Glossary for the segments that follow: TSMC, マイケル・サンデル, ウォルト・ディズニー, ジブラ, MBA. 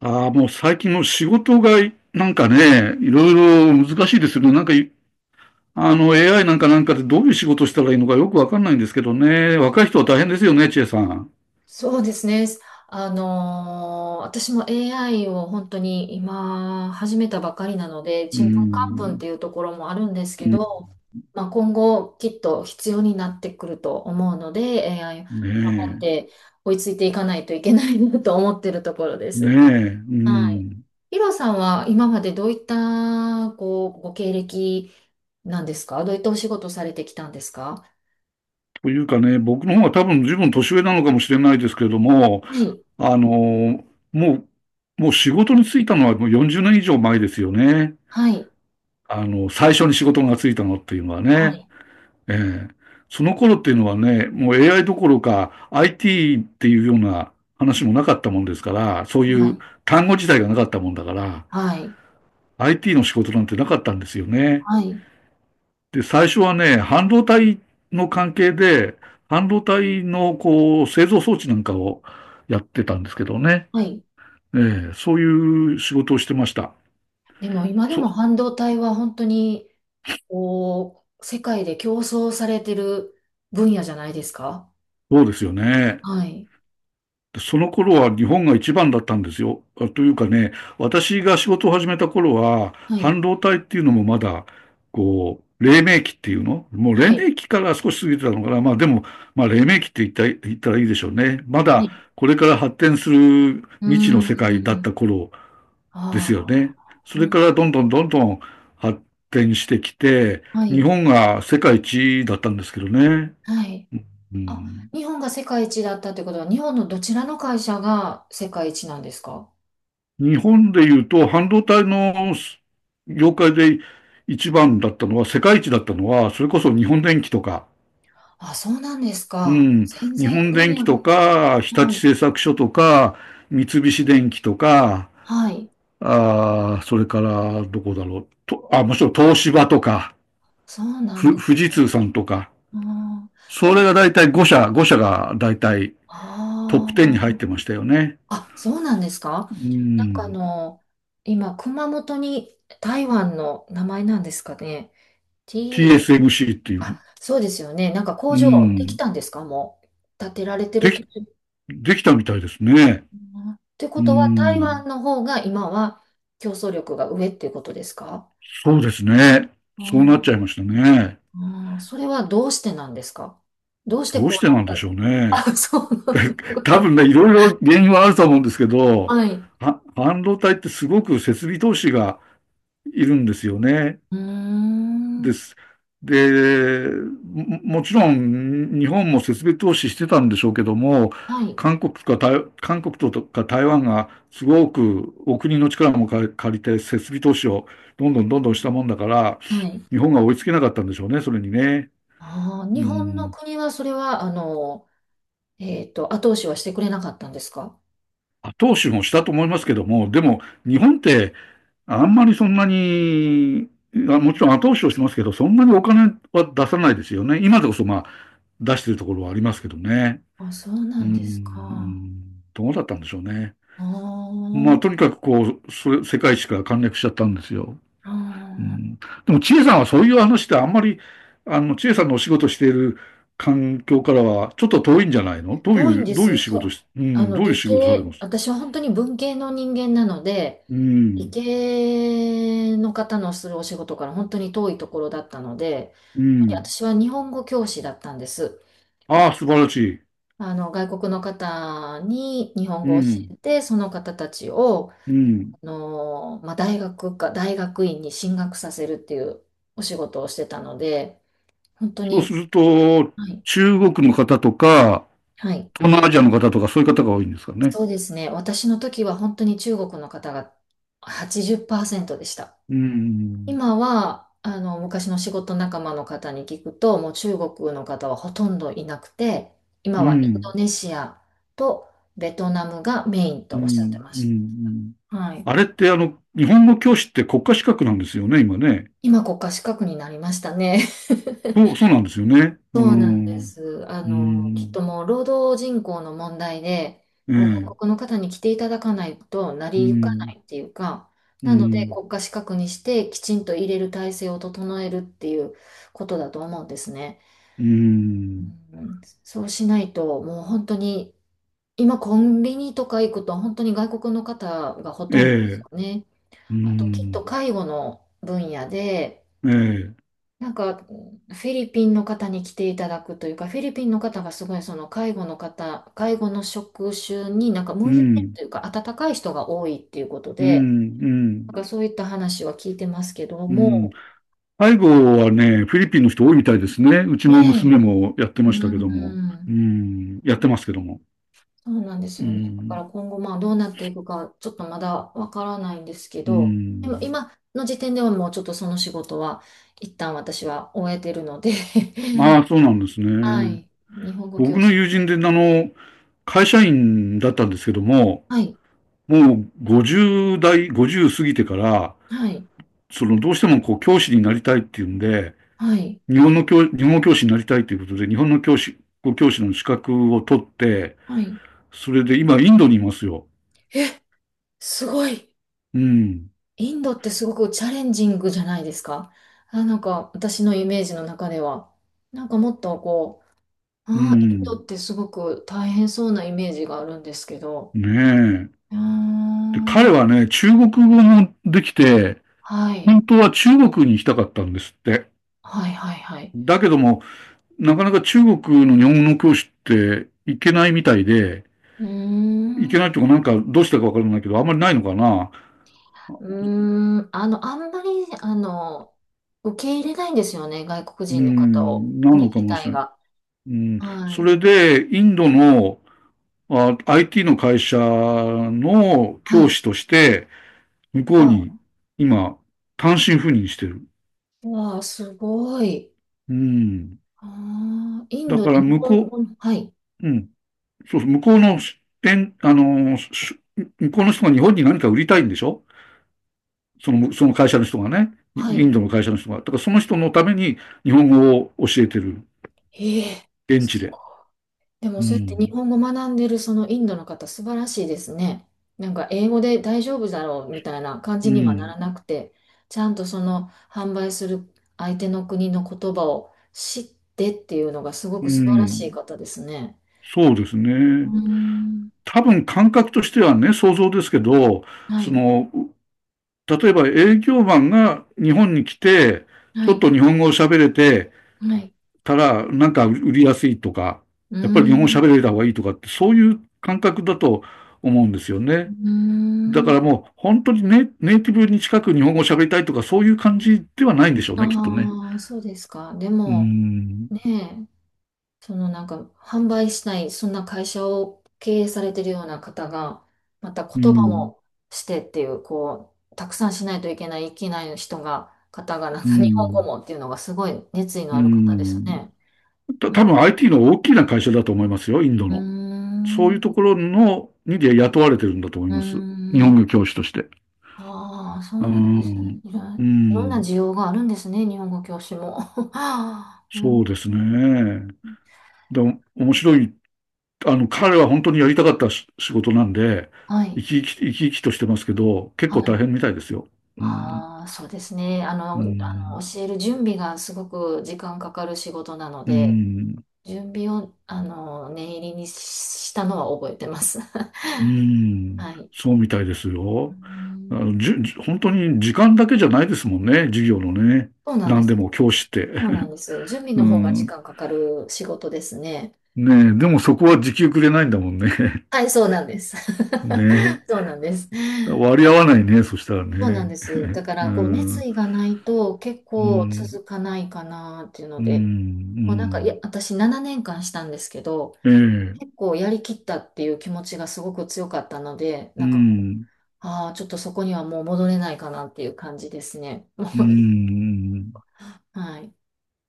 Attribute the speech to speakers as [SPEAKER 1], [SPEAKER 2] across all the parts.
[SPEAKER 1] ああ、もう最近の仕事がなんかね、いろいろ難しいですよね。なんかい、あの、AI なんかでどういう仕事したらいいのかよくわかんないんですけどね。若い人は大変ですよね、千恵さん。
[SPEAKER 2] そうですね。私も AI を本当に今始めたばかりなので、
[SPEAKER 1] う
[SPEAKER 2] ちんぷんかんぷんっ
[SPEAKER 1] ん。
[SPEAKER 2] ていうところもあるんですけど、まあ、今後きっと必要になってくると思うので、AI 頑
[SPEAKER 1] ね
[SPEAKER 2] 張っ
[SPEAKER 1] え。
[SPEAKER 2] て追いついていかないといけないなと思ってるところで
[SPEAKER 1] ね
[SPEAKER 2] す。
[SPEAKER 1] え。う
[SPEAKER 2] はい。
[SPEAKER 1] ん。
[SPEAKER 2] ヒロさんは今までどういったこうご経歴なんですか？どういったお仕事されてきたんですか？
[SPEAKER 1] というかね、僕の方が多分十分年上なのかもしれないですけれども、
[SPEAKER 2] はい。
[SPEAKER 1] あの、もう、もう仕事に就いたのはもう40年以上前ですよね。
[SPEAKER 2] はい。
[SPEAKER 1] 最初に仕事がついたのっていうのは
[SPEAKER 2] は
[SPEAKER 1] ね。
[SPEAKER 2] い。
[SPEAKER 1] ええ。その頃っていうのはね、もう AI どころか IT っていうような話もなかったもんですから、そう
[SPEAKER 2] は
[SPEAKER 1] いう
[SPEAKER 2] い。
[SPEAKER 1] 単語自体がなかったもんだから、
[SPEAKER 2] はい。はい。
[SPEAKER 1] IT の仕事なんてなかったんですよね。
[SPEAKER 2] はい。
[SPEAKER 1] で、最初はね、半導体の関係で、半導体のこう製造装置なんかをやってたんですけどね。
[SPEAKER 2] はい。
[SPEAKER 1] ええ、そういう仕事をしてました。
[SPEAKER 2] でも今でも
[SPEAKER 1] そ、
[SPEAKER 2] 半導体は本当に、こう、世界で競争されてる分野じゃないですか？
[SPEAKER 1] そうですよね。
[SPEAKER 2] はい。
[SPEAKER 1] その頃は日本が一番だったんですよ。というかね、私が仕事を始めた頃は、
[SPEAKER 2] は
[SPEAKER 1] 半
[SPEAKER 2] い。
[SPEAKER 1] 導体っていうのもまだ、こう、黎明期っていうのもう黎
[SPEAKER 2] はい。
[SPEAKER 1] 明期から少し過ぎてたのかな。まあでも、まあ黎明期って言ったらいいでしょうね。ま
[SPEAKER 2] は
[SPEAKER 1] だ
[SPEAKER 2] い。
[SPEAKER 1] これから発展する
[SPEAKER 2] うー
[SPEAKER 1] 未知の世界だっ
[SPEAKER 2] ん。
[SPEAKER 1] た頃ですよ
[SPEAKER 2] あ
[SPEAKER 1] ね。そ
[SPEAKER 2] あ。う
[SPEAKER 1] れ
[SPEAKER 2] ん。
[SPEAKER 1] からどんどんどんどん発展してきて、
[SPEAKER 2] は
[SPEAKER 1] 日
[SPEAKER 2] い。
[SPEAKER 1] 本が世界一だったんですけどね。
[SPEAKER 2] はい。
[SPEAKER 1] う
[SPEAKER 2] あ、
[SPEAKER 1] ん。
[SPEAKER 2] 日本が世界一だったってことは、日本のどちらの会社が世界一なんですか？
[SPEAKER 1] 日本で言うと、半導体の業界で一番だったのは、世界一だったのは、それこそ日本電機とか、
[SPEAKER 2] あ、そうなんです
[SPEAKER 1] う
[SPEAKER 2] か。
[SPEAKER 1] ん、
[SPEAKER 2] 全
[SPEAKER 1] 日
[SPEAKER 2] 然
[SPEAKER 1] 本
[SPEAKER 2] 分
[SPEAKER 1] 電
[SPEAKER 2] 野
[SPEAKER 1] 機と
[SPEAKER 2] が。
[SPEAKER 1] か、日
[SPEAKER 2] は
[SPEAKER 1] 立製
[SPEAKER 2] い。
[SPEAKER 1] 作所とか、三菱電機とか、
[SPEAKER 2] はい。
[SPEAKER 1] それからどこだろう、もちろん東芝とか、
[SPEAKER 2] そうなんで
[SPEAKER 1] 富
[SPEAKER 2] す
[SPEAKER 1] 士通
[SPEAKER 2] か。
[SPEAKER 1] さんとか、
[SPEAKER 2] うん。ま
[SPEAKER 1] それ
[SPEAKER 2] あ
[SPEAKER 1] が大体5社、5社が大体トップ10
[SPEAKER 2] あ
[SPEAKER 1] に入っ
[SPEAKER 2] ー。
[SPEAKER 1] てましたよね。
[SPEAKER 2] あ、そうなんですか？
[SPEAKER 1] う
[SPEAKER 2] なんか
[SPEAKER 1] ん、
[SPEAKER 2] 今、熊本に台湾の名前なんですかね。T、
[SPEAKER 1] TSMC っていう、
[SPEAKER 2] あ、そうですよね。なんか工
[SPEAKER 1] う
[SPEAKER 2] 場でき
[SPEAKER 1] ん、
[SPEAKER 2] たんですか？もう。建てられてる
[SPEAKER 1] で
[SPEAKER 2] 途
[SPEAKER 1] き、
[SPEAKER 2] 中か
[SPEAKER 1] できたみたいですね。
[SPEAKER 2] な。って
[SPEAKER 1] う
[SPEAKER 2] こ
[SPEAKER 1] ー
[SPEAKER 2] とは、台
[SPEAKER 1] ん、
[SPEAKER 2] 湾の方が今は競争力が上っていうことですか？
[SPEAKER 1] そうですね。そうなっち
[SPEAKER 2] あ
[SPEAKER 1] ゃいましたね。
[SPEAKER 2] ああー、それはどうしてなんですか？どうして
[SPEAKER 1] どう
[SPEAKER 2] こ
[SPEAKER 1] し
[SPEAKER 2] う
[SPEAKER 1] て
[SPEAKER 2] な
[SPEAKER 1] なんで
[SPEAKER 2] っ
[SPEAKER 1] し
[SPEAKER 2] た？
[SPEAKER 1] ょうね。
[SPEAKER 2] あ、そうなん
[SPEAKER 1] 多
[SPEAKER 2] だ。
[SPEAKER 1] 分ね、いろいろ原因はあると思うんですけ ど、
[SPEAKER 2] はい。
[SPEAKER 1] 半導体ってすごく設備投資がいるんですよね。
[SPEAKER 2] うー
[SPEAKER 1] で
[SPEAKER 2] ん。
[SPEAKER 1] す。で、もちろん日本も設備投資してたんでしょうけども、
[SPEAKER 2] はい。
[SPEAKER 1] 韓国とか台湾がすごくお国の力も借りて設備投資をどんどんどんどんしたもんだから、
[SPEAKER 2] はい。
[SPEAKER 1] 日本が追いつけなかったんでしょうね、それにね。
[SPEAKER 2] ああ、
[SPEAKER 1] う
[SPEAKER 2] 日本の
[SPEAKER 1] ん。
[SPEAKER 2] 国はそれは、後押しはしてくれなかったんですか？
[SPEAKER 1] 後押しもしたと思いますけども、でも日本ってあんまりそんなに、もちろん後押しをしますけど、そんなにお金は出さないですよね。今でこそまあ出してるところはありますけどね。
[SPEAKER 2] あ、そう
[SPEAKER 1] う
[SPEAKER 2] な
[SPEAKER 1] ー
[SPEAKER 2] んですか。あ
[SPEAKER 1] ん、どうだったんでしょうね。まあ、と
[SPEAKER 2] あ、
[SPEAKER 1] にかくこう、それ世界史から陥落しちゃったんですよ。
[SPEAKER 2] あ
[SPEAKER 1] う
[SPEAKER 2] ー
[SPEAKER 1] ん、でも、千恵さんはそういう話ってあんまり、千恵さんのお仕事している環境からはちょっと遠いんじゃないの。どう
[SPEAKER 2] 遠い
[SPEAKER 1] い
[SPEAKER 2] ん
[SPEAKER 1] う、
[SPEAKER 2] で
[SPEAKER 1] どうい
[SPEAKER 2] す。
[SPEAKER 1] う仕
[SPEAKER 2] そ
[SPEAKER 1] 事
[SPEAKER 2] う、
[SPEAKER 1] し、うん、どういう仕事されます？
[SPEAKER 2] 私は本当に文系の人間なので、
[SPEAKER 1] う
[SPEAKER 2] 理
[SPEAKER 1] ん、
[SPEAKER 2] 系の方のするお仕事から本当に遠いところだったので、
[SPEAKER 1] うん。
[SPEAKER 2] 私は日本語教師だったんです。
[SPEAKER 1] ああ、素晴らしい。
[SPEAKER 2] 外国の方に日本
[SPEAKER 1] う
[SPEAKER 2] 語を教
[SPEAKER 1] ん、
[SPEAKER 2] えて、その方たちを、
[SPEAKER 1] うん。
[SPEAKER 2] まあ、大学か、大学院に進学させるっていうお仕事をしてたので、本当
[SPEAKER 1] そうす
[SPEAKER 2] に、
[SPEAKER 1] ると、
[SPEAKER 2] はい、
[SPEAKER 1] 中国の方とか、
[SPEAKER 2] はい、
[SPEAKER 1] 東南アジアの方とか、そういう方が多いんですかね。
[SPEAKER 2] そうですね。私の時は本当に中国の方が80%でした。
[SPEAKER 1] うん、
[SPEAKER 2] 今は、昔の仕事仲間の方に聞くと、もう中国の方はほとんどいなくて、今
[SPEAKER 1] う
[SPEAKER 2] はインド
[SPEAKER 1] ん、
[SPEAKER 2] ネシアとベトナムがメイン
[SPEAKER 1] う
[SPEAKER 2] とおっしゃって
[SPEAKER 1] ん、
[SPEAKER 2] ま
[SPEAKER 1] うん、うん。う
[SPEAKER 2] し
[SPEAKER 1] ん。
[SPEAKER 2] た。はい。
[SPEAKER 1] あれってあの、日本の教師って国家資格なんですよね、今ね。
[SPEAKER 2] 今国家資格になりましたね。
[SPEAKER 1] そうなんですよね。う
[SPEAKER 2] そ
[SPEAKER 1] ー
[SPEAKER 2] うなんで
[SPEAKER 1] ん。
[SPEAKER 2] す。
[SPEAKER 1] うー
[SPEAKER 2] きっ
[SPEAKER 1] ん。
[SPEAKER 2] ともう労働人口の問題で、
[SPEAKER 1] え
[SPEAKER 2] こう外
[SPEAKER 1] え。
[SPEAKER 2] 国の方に来ていただかないと成
[SPEAKER 1] うー
[SPEAKER 2] り行かな
[SPEAKER 1] ん。
[SPEAKER 2] いっていうか、
[SPEAKER 1] うー
[SPEAKER 2] なので
[SPEAKER 1] ん。
[SPEAKER 2] 国家資格にしてきちんと入れる体制を整えるっていうことだと思うんですね。
[SPEAKER 1] うーん。
[SPEAKER 2] うん、そうしないと、もう本当に、今コンビニとか行くと本当に外国の方がほ
[SPEAKER 1] え
[SPEAKER 2] とんどで
[SPEAKER 1] え。
[SPEAKER 2] す
[SPEAKER 1] う
[SPEAKER 2] よね。
[SPEAKER 1] ー
[SPEAKER 2] あときっと
[SPEAKER 1] ん。
[SPEAKER 2] 介護の分野で、
[SPEAKER 1] ええ。
[SPEAKER 2] なんか、フィリピンの方に来ていただくというか、フィリピンの方がすごいその介護の職種になんか
[SPEAKER 1] う
[SPEAKER 2] 向いてる
[SPEAKER 1] ん。
[SPEAKER 2] というか、温かい人が多いっていうこと
[SPEAKER 1] う
[SPEAKER 2] で、
[SPEAKER 1] ん。うん。
[SPEAKER 2] なんかそういった話は聞いてますけど
[SPEAKER 1] うん。
[SPEAKER 2] も、
[SPEAKER 1] 背後はね、フィリピンの人多いみたいですね。うち
[SPEAKER 2] ね
[SPEAKER 1] の娘もやって
[SPEAKER 2] え、う
[SPEAKER 1] ましたけども。うー
[SPEAKER 2] ん、
[SPEAKER 1] ん。やってますけども。
[SPEAKER 2] そうなんです
[SPEAKER 1] うー
[SPEAKER 2] よね。だから
[SPEAKER 1] ん。
[SPEAKER 2] 今後まあどうなっていくか、ちょっとまだわからないんですけ
[SPEAKER 1] うー
[SPEAKER 2] ど、でも
[SPEAKER 1] ん。
[SPEAKER 2] 今の時点ではもうちょっとその仕事は、一旦私は終えてるので
[SPEAKER 1] ああ、そうなんです
[SPEAKER 2] は
[SPEAKER 1] ね。
[SPEAKER 2] い、日本語教
[SPEAKER 1] 僕の
[SPEAKER 2] 師。
[SPEAKER 1] 友人で、会社員だったんですけども、
[SPEAKER 2] はい、
[SPEAKER 1] もう50代、50過ぎてから、
[SPEAKER 2] はい、
[SPEAKER 1] その、どうしてもこう、教師になりたいっていうんで、
[SPEAKER 2] はい。
[SPEAKER 1] 日本語教師になりたいということで、日本の教師、教師の資格を取って、
[SPEAKER 2] はい。
[SPEAKER 1] それで今、インドにいますよ。
[SPEAKER 2] すごい。
[SPEAKER 1] うん。
[SPEAKER 2] インドってすごくチャレンジングじゃないですか。あ、なんか私のイメージの中では。なんかもっとこう、
[SPEAKER 1] う
[SPEAKER 2] インド
[SPEAKER 1] ん。
[SPEAKER 2] ってすごく大変そうなイメージがあるんですけど。
[SPEAKER 1] ねえ。
[SPEAKER 2] うー
[SPEAKER 1] で、彼
[SPEAKER 2] ん、
[SPEAKER 1] はね、中国語もできて、
[SPEAKER 2] はい。
[SPEAKER 1] 本当は中国に行きたかったんですって。
[SPEAKER 2] はいはいはい。
[SPEAKER 1] だけども、なかなか中国の日本語教師って行けないみたいで、
[SPEAKER 2] うー
[SPEAKER 1] 行けない
[SPEAKER 2] ん。
[SPEAKER 1] とかなんかどうしたかわからないけど、あんまりないのかな。
[SPEAKER 2] うーん。あんまり、あの、受け入れないんですよね。外国
[SPEAKER 1] う
[SPEAKER 2] 人の方を。
[SPEAKER 1] ん、な
[SPEAKER 2] 国
[SPEAKER 1] のか
[SPEAKER 2] 自
[SPEAKER 1] もし
[SPEAKER 2] 体
[SPEAKER 1] れない。
[SPEAKER 2] が。
[SPEAKER 1] うん、
[SPEAKER 2] は
[SPEAKER 1] そ
[SPEAKER 2] い。
[SPEAKER 1] れで、インドのIT の会社の
[SPEAKER 2] は
[SPEAKER 1] 教
[SPEAKER 2] い。
[SPEAKER 1] 師として、向こう
[SPEAKER 2] わ、
[SPEAKER 1] に今、単身赴任してる。
[SPEAKER 2] わあ、すごい。
[SPEAKER 1] うん。
[SPEAKER 2] ああ、イン
[SPEAKER 1] だ
[SPEAKER 2] ド
[SPEAKER 1] か
[SPEAKER 2] で
[SPEAKER 1] ら
[SPEAKER 2] 日
[SPEAKER 1] 向
[SPEAKER 2] 本
[SPEAKER 1] こ
[SPEAKER 2] 語の、はい、
[SPEAKER 1] う、うん。そうそう、えん、あの、向こうの人が日本に何か売りたいんでしょ、その会社の人がね、イ
[SPEAKER 2] は
[SPEAKER 1] ン
[SPEAKER 2] い。
[SPEAKER 1] ドの会社の人が、だからその人のために日本語を教えてる、
[SPEAKER 2] ええ、
[SPEAKER 1] 現地
[SPEAKER 2] す
[SPEAKER 1] で。
[SPEAKER 2] でも
[SPEAKER 1] う
[SPEAKER 2] そうやって日
[SPEAKER 1] ん、
[SPEAKER 2] 本語学んでるそのインドの方、素晴らしいですね。なんか英語で大丈夫だろうみたいな感
[SPEAKER 1] う
[SPEAKER 2] じにはな
[SPEAKER 1] ん、
[SPEAKER 2] らなくて、ちゃんとその販売する相手の国の言葉を知ってっていうのがすご
[SPEAKER 1] う
[SPEAKER 2] く素晴らしい
[SPEAKER 1] ん、
[SPEAKER 2] 方ですね。
[SPEAKER 1] そうです
[SPEAKER 2] うー
[SPEAKER 1] ね。
[SPEAKER 2] ん、
[SPEAKER 1] 多分感覚としてはね、想像ですけど、
[SPEAKER 2] は
[SPEAKER 1] そ
[SPEAKER 2] い、
[SPEAKER 1] の、例えば営業マンが日本に来て、
[SPEAKER 2] は
[SPEAKER 1] ちょっ
[SPEAKER 2] い、
[SPEAKER 1] と日本語を喋れて
[SPEAKER 2] はい。
[SPEAKER 1] たら、なんか売りやすいとか、
[SPEAKER 2] うー
[SPEAKER 1] やっぱり日本語
[SPEAKER 2] ん、う
[SPEAKER 1] 喋れた方がいいとかって、そういう感覚だと思うんですよね。
[SPEAKER 2] ー
[SPEAKER 1] だから
[SPEAKER 2] ん、
[SPEAKER 1] もう本当にネイティブに近く日本語を喋りたいとかそういう感じではないんでしょうね、きっとね。
[SPEAKER 2] ああ、そうですか。で
[SPEAKER 1] うー
[SPEAKER 2] も、
[SPEAKER 1] ん。
[SPEAKER 2] ねえそのなんか販売しない、そんな会社を経営されてるような方が、また
[SPEAKER 1] う
[SPEAKER 2] 言葉
[SPEAKER 1] ん。
[SPEAKER 2] もしてっていう、こう、たくさんしないといけない、いけない方が、なん
[SPEAKER 1] う
[SPEAKER 2] か 日本語
[SPEAKER 1] ん。
[SPEAKER 2] もっていうのがすごい熱意の
[SPEAKER 1] う
[SPEAKER 2] ある方です
[SPEAKER 1] ん。
[SPEAKER 2] ね。う
[SPEAKER 1] 多
[SPEAKER 2] ん、
[SPEAKER 1] 分 IT の大きな会社だと思いますよ、インド
[SPEAKER 2] うー
[SPEAKER 1] の。そういう
[SPEAKER 2] ん、
[SPEAKER 1] ところの、にで雇われてるんだと思い
[SPEAKER 2] うー
[SPEAKER 1] ます。日
[SPEAKER 2] ん、
[SPEAKER 1] 本語教師として。
[SPEAKER 2] ああ、そ
[SPEAKER 1] う
[SPEAKER 2] うなんですね。
[SPEAKER 1] ん。う
[SPEAKER 2] いろんな
[SPEAKER 1] ん。
[SPEAKER 2] 需要があるんですね、日本語教師も。うん、
[SPEAKER 1] そうですね。でも面白い。彼は本当にやりたかったし仕事なんで、
[SPEAKER 2] はい、
[SPEAKER 1] 生き生きとしてますけど、結
[SPEAKER 2] は
[SPEAKER 1] 構大
[SPEAKER 2] い。
[SPEAKER 1] 変みたいですよ。うん。
[SPEAKER 2] ああ、そうですね。
[SPEAKER 1] うん、
[SPEAKER 2] 教える準備がすごく時間かかる仕事なの
[SPEAKER 1] う
[SPEAKER 2] で、
[SPEAKER 1] ん、
[SPEAKER 2] 準備を、念入りにしたのは覚えてます。
[SPEAKER 1] う ん、
[SPEAKER 2] はい。
[SPEAKER 1] そうみたいです
[SPEAKER 2] う
[SPEAKER 1] よ。あ
[SPEAKER 2] ん、
[SPEAKER 1] の、じゅ、じ本当に時間だけじゃないですもんね、授業のね。
[SPEAKER 2] そうなんで
[SPEAKER 1] 何で
[SPEAKER 2] す。
[SPEAKER 1] も教師って。
[SPEAKER 2] そうなんです。準備
[SPEAKER 1] う
[SPEAKER 2] の方が時
[SPEAKER 1] ん。
[SPEAKER 2] 間かかる仕事ですね。
[SPEAKER 1] ねえ、でもそこは時給くれないんだもんね。
[SPEAKER 2] はい、そうなんです。
[SPEAKER 1] ね
[SPEAKER 2] そうなんです。
[SPEAKER 1] え。割り合わないね、そしたら
[SPEAKER 2] そうなん
[SPEAKER 1] ね。
[SPEAKER 2] です。だか
[SPEAKER 1] うん、
[SPEAKER 2] ら、こう、
[SPEAKER 1] う
[SPEAKER 2] 熱
[SPEAKER 1] ん、
[SPEAKER 2] 意がないと結
[SPEAKER 1] う
[SPEAKER 2] 構
[SPEAKER 1] ん、
[SPEAKER 2] 続かないかなっていうの
[SPEAKER 1] う
[SPEAKER 2] で、こう、なんか、いや、
[SPEAKER 1] ん。
[SPEAKER 2] 私7年間したんですけど、
[SPEAKER 1] ええ、
[SPEAKER 2] 結構やりきったっていう気持ちがすごく強かったので、
[SPEAKER 1] う
[SPEAKER 2] なんかこう、
[SPEAKER 1] ん、
[SPEAKER 2] ああ、ちょっとそこにはもう戻れないかなっていう感じですね。も
[SPEAKER 1] う
[SPEAKER 2] う
[SPEAKER 1] ん。
[SPEAKER 2] はい。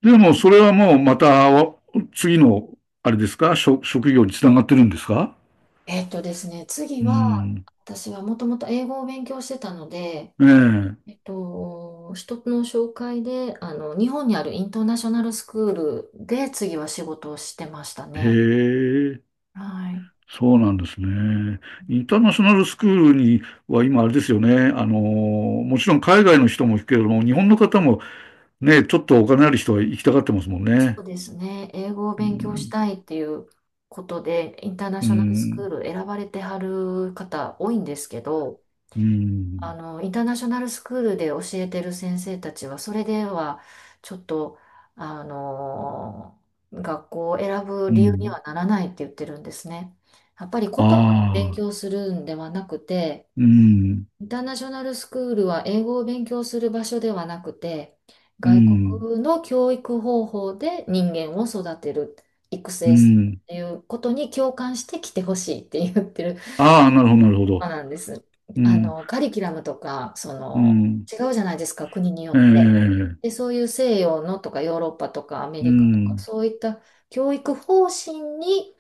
[SPEAKER 1] でもそれはもうまた次の、あれですか、職業につながってるんですか？
[SPEAKER 2] えっとですね、次
[SPEAKER 1] う
[SPEAKER 2] は、
[SPEAKER 1] ん。
[SPEAKER 2] 私はもともと英語を勉強してたので、
[SPEAKER 1] ええ、
[SPEAKER 2] 人の紹介で、日本にあるインターナショナルスクールで次は仕事をしてました
[SPEAKER 1] へ
[SPEAKER 2] ね。
[SPEAKER 1] え、
[SPEAKER 2] はい。
[SPEAKER 1] そうなんですね。インターナショナルスクールには今あれですよね。もちろん海外の人も行くけれども、日本の方もね、ちょっとお金ある人は行きたがってますもん
[SPEAKER 2] そ
[SPEAKER 1] ね。
[SPEAKER 2] うですね、英語を
[SPEAKER 1] う
[SPEAKER 2] 勉強し
[SPEAKER 1] ん、
[SPEAKER 2] たいっていうことで、インターナ
[SPEAKER 1] う
[SPEAKER 2] ショナルスクー
[SPEAKER 1] ん、
[SPEAKER 2] ル選ばれてはる方多いんですけど、
[SPEAKER 1] うん、
[SPEAKER 2] インターナショナルスクールで教えてる先生たちは、それでは、ちょっと、あの、学校を選ぶ
[SPEAKER 1] う
[SPEAKER 2] 理由に
[SPEAKER 1] ん。
[SPEAKER 2] はならないって言ってるんですね。やっぱり言
[SPEAKER 1] あ
[SPEAKER 2] 葉を勉
[SPEAKER 1] あ、
[SPEAKER 2] 強するんではなくて、
[SPEAKER 1] うん、
[SPEAKER 2] インターナショナルスクールは英語を勉強する場所ではなくて、
[SPEAKER 1] う
[SPEAKER 2] 外
[SPEAKER 1] ん、
[SPEAKER 2] 国の教育方法で人間を育てる、育
[SPEAKER 1] う
[SPEAKER 2] 成するっ
[SPEAKER 1] ん。
[SPEAKER 2] ていうことに共感して来てほしいって言ってる。
[SPEAKER 1] ああ、なるほど、なるほ
[SPEAKER 2] そう
[SPEAKER 1] ど。
[SPEAKER 2] なんです。
[SPEAKER 1] うん、
[SPEAKER 2] カリキュラムとか、
[SPEAKER 1] うん、
[SPEAKER 2] 違うじゃないですか、国によ
[SPEAKER 1] え
[SPEAKER 2] って。
[SPEAKER 1] え、
[SPEAKER 2] で、そういう西洋のとか、ヨーロッパとか、アメ
[SPEAKER 1] う
[SPEAKER 2] リカとか、
[SPEAKER 1] ん、
[SPEAKER 2] そういった教育方針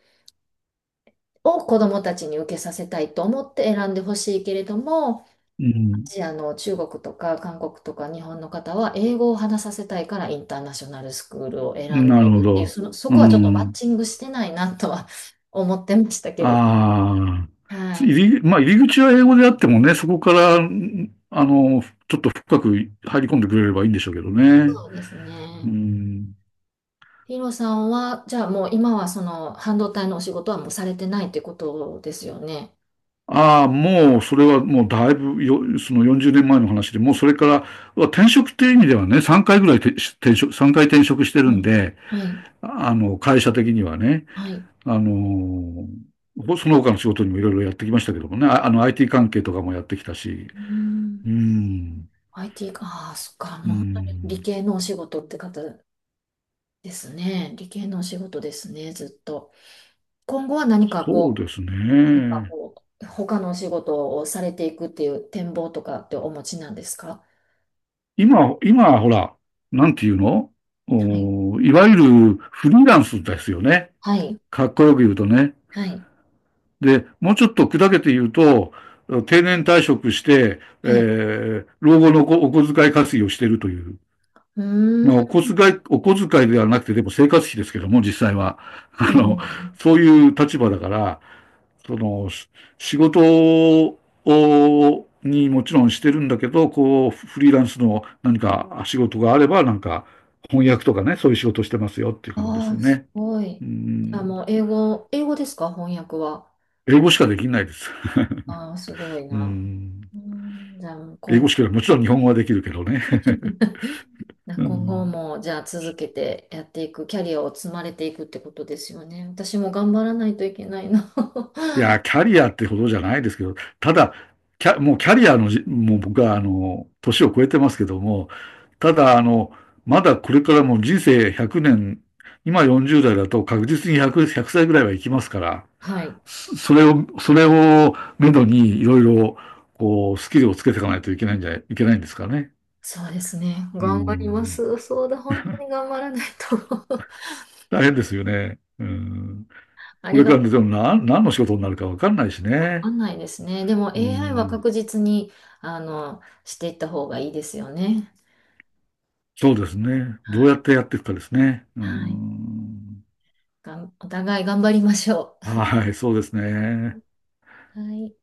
[SPEAKER 2] を子どもたちに受けさせたいと思って選んでほしいけれども、
[SPEAKER 1] う
[SPEAKER 2] ア
[SPEAKER 1] ん、
[SPEAKER 2] ジアの中国とか韓国とか日本の方は英語を話させたいからインターナショナルスクールを選ん
[SPEAKER 1] な
[SPEAKER 2] で
[SPEAKER 1] るほ
[SPEAKER 2] るっていう、
[SPEAKER 1] ど。
[SPEAKER 2] そ
[SPEAKER 1] う
[SPEAKER 2] こはちょっとマッ
[SPEAKER 1] ん。
[SPEAKER 2] チングしてないなとは思ってましたけれど。
[SPEAKER 1] ああ、
[SPEAKER 2] は
[SPEAKER 1] 入
[SPEAKER 2] い。
[SPEAKER 1] り、まあ、入り口は英語であってもね、そこから、ちょっと深く入り込んでくれればいいんでしょうけどね。
[SPEAKER 2] そうです
[SPEAKER 1] う
[SPEAKER 2] ね。
[SPEAKER 1] ん。
[SPEAKER 2] ヒロさんは、じゃあもう今はその半導体のお仕事はもうされてないってことですよね。
[SPEAKER 1] ああ、もう、それはもうだいぶよ、その40年前の話で、もうそれから、転職っていう意味ではね、3回ぐらいてし転職、3回転職してる
[SPEAKER 2] はい。
[SPEAKER 1] んで、
[SPEAKER 2] はい。
[SPEAKER 1] 会社的にはね、
[SPEAKER 2] はい。
[SPEAKER 1] あの、その他の仕事にもいろいろやってきましたけどもね、IT 関係とかもやってきたし、
[SPEAKER 2] うーん。
[SPEAKER 1] うん、
[SPEAKER 2] IT か。ああ、そっか。
[SPEAKER 1] う
[SPEAKER 2] もう本当に
[SPEAKER 1] ん。
[SPEAKER 2] 理系のお仕事って方ですね。理系のお仕事ですね、ずっと。今後は何か
[SPEAKER 1] そう
[SPEAKER 2] こ
[SPEAKER 1] です
[SPEAKER 2] う、なんか
[SPEAKER 1] ね。
[SPEAKER 2] こう、他のお仕事をされていくっていう展望とかってお持ちなんですか？
[SPEAKER 1] 今、今、ほら、なんていうの、
[SPEAKER 2] はい。
[SPEAKER 1] いわゆるフリーランスですよね。
[SPEAKER 2] はい。
[SPEAKER 1] かっこよく言うとね。
[SPEAKER 2] はい。
[SPEAKER 1] で、もうちょっと砕けて言うと、定年退職して、
[SPEAKER 2] はい。
[SPEAKER 1] 老後のお小遣い稼ぎをしているという、
[SPEAKER 2] うー
[SPEAKER 1] お
[SPEAKER 2] ん。
[SPEAKER 1] 小遣い、お小遣いではなくて、でも生活費ですけども、実際は。あ
[SPEAKER 2] う
[SPEAKER 1] の、
[SPEAKER 2] ん。
[SPEAKER 1] そういう立場だから、その、仕事にもちろんしてるんだけど、こう、フリーランスの何か仕事があれば、なんか、翻訳とかね、そういう仕事してますよっていう感じです
[SPEAKER 2] ああ、す
[SPEAKER 1] ね。
[SPEAKER 2] ご
[SPEAKER 1] う
[SPEAKER 2] い。あ、
[SPEAKER 1] ん。
[SPEAKER 2] もう英語、英語ですか、翻訳は。
[SPEAKER 1] 英語しかできないです。
[SPEAKER 2] ああ、すごい
[SPEAKER 1] う
[SPEAKER 2] な。
[SPEAKER 1] ん。
[SPEAKER 2] うん、じゃあ、もう
[SPEAKER 1] 英
[SPEAKER 2] 今
[SPEAKER 1] 語
[SPEAKER 2] 後、
[SPEAKER 1] しか、もちろん日本語はできるけどね。う
[SPEAKER 2] 今後
[SPEAKER 1] ん。
[SPEAKER 2] も、じゃあ続けてやっていく、キャリアを積まれていくってことですよね。私も頑張らないといけないな。
[SPEAKER 1] い や、キャリアってほどじゃないですけど、ただ、キャ、もうキャリアのじ、もう僕は、年を超えてますけども、ただ、まだこれからも人生100年、今40代だと確実に100、ひゃく歳ぐらいはいきますから、
[SPEAKER 2] はい。
[SPEAKER 1] それを、それをめどにいろいろ、こう、スキルをつけていかないといけないんですかね。
[SPEAKER 2] そうですね。
[SPEAKER 1] う
[SPEAKER 2] 頑張りま
[SPEAKER 1] ん。
[SPEAKER 2] す。そうだ、本当に頑張らないと
[SPEAKER 1] 大変ですよね。うん。
[SPEAKER 2] あ
[SPEAKER 1] こ
[SPEAKER 2] り
[SPEAKER 1] れ
[SPEAKER 2] が
[SPEAKER 1] か
[SPEAKER 2] と
[SPEAKER 1] らで
[SPEAKER 2] う。
[SPEAKER 1] も何の仕事になるかわかんないし
[SPEAKER 2] わか
[SPEAKER 1] ね。
[SPEAKER 2] んないですね。でも
[SPEAKER 1] う
[SPEAKER 2] AI は
[SPEAKER 1] ん。
[SPEAKER 2] 確実に、していった方がいいですよね。
[SPEAKER 1] そうですね。ど
[SPEAKER 2] は
[SPEAKER 1] うや
[SPEAKER 2] い。
[SPEAKER 1] ってやっていくかですね。うー
[SPEAKER 2] はい。
[SPEAKER 1] ん。
[SPEAKER 2] お互い頑張りましょ
[SPEAKER 1] はい、そうですね。
[SPEAKER 2] う。はい。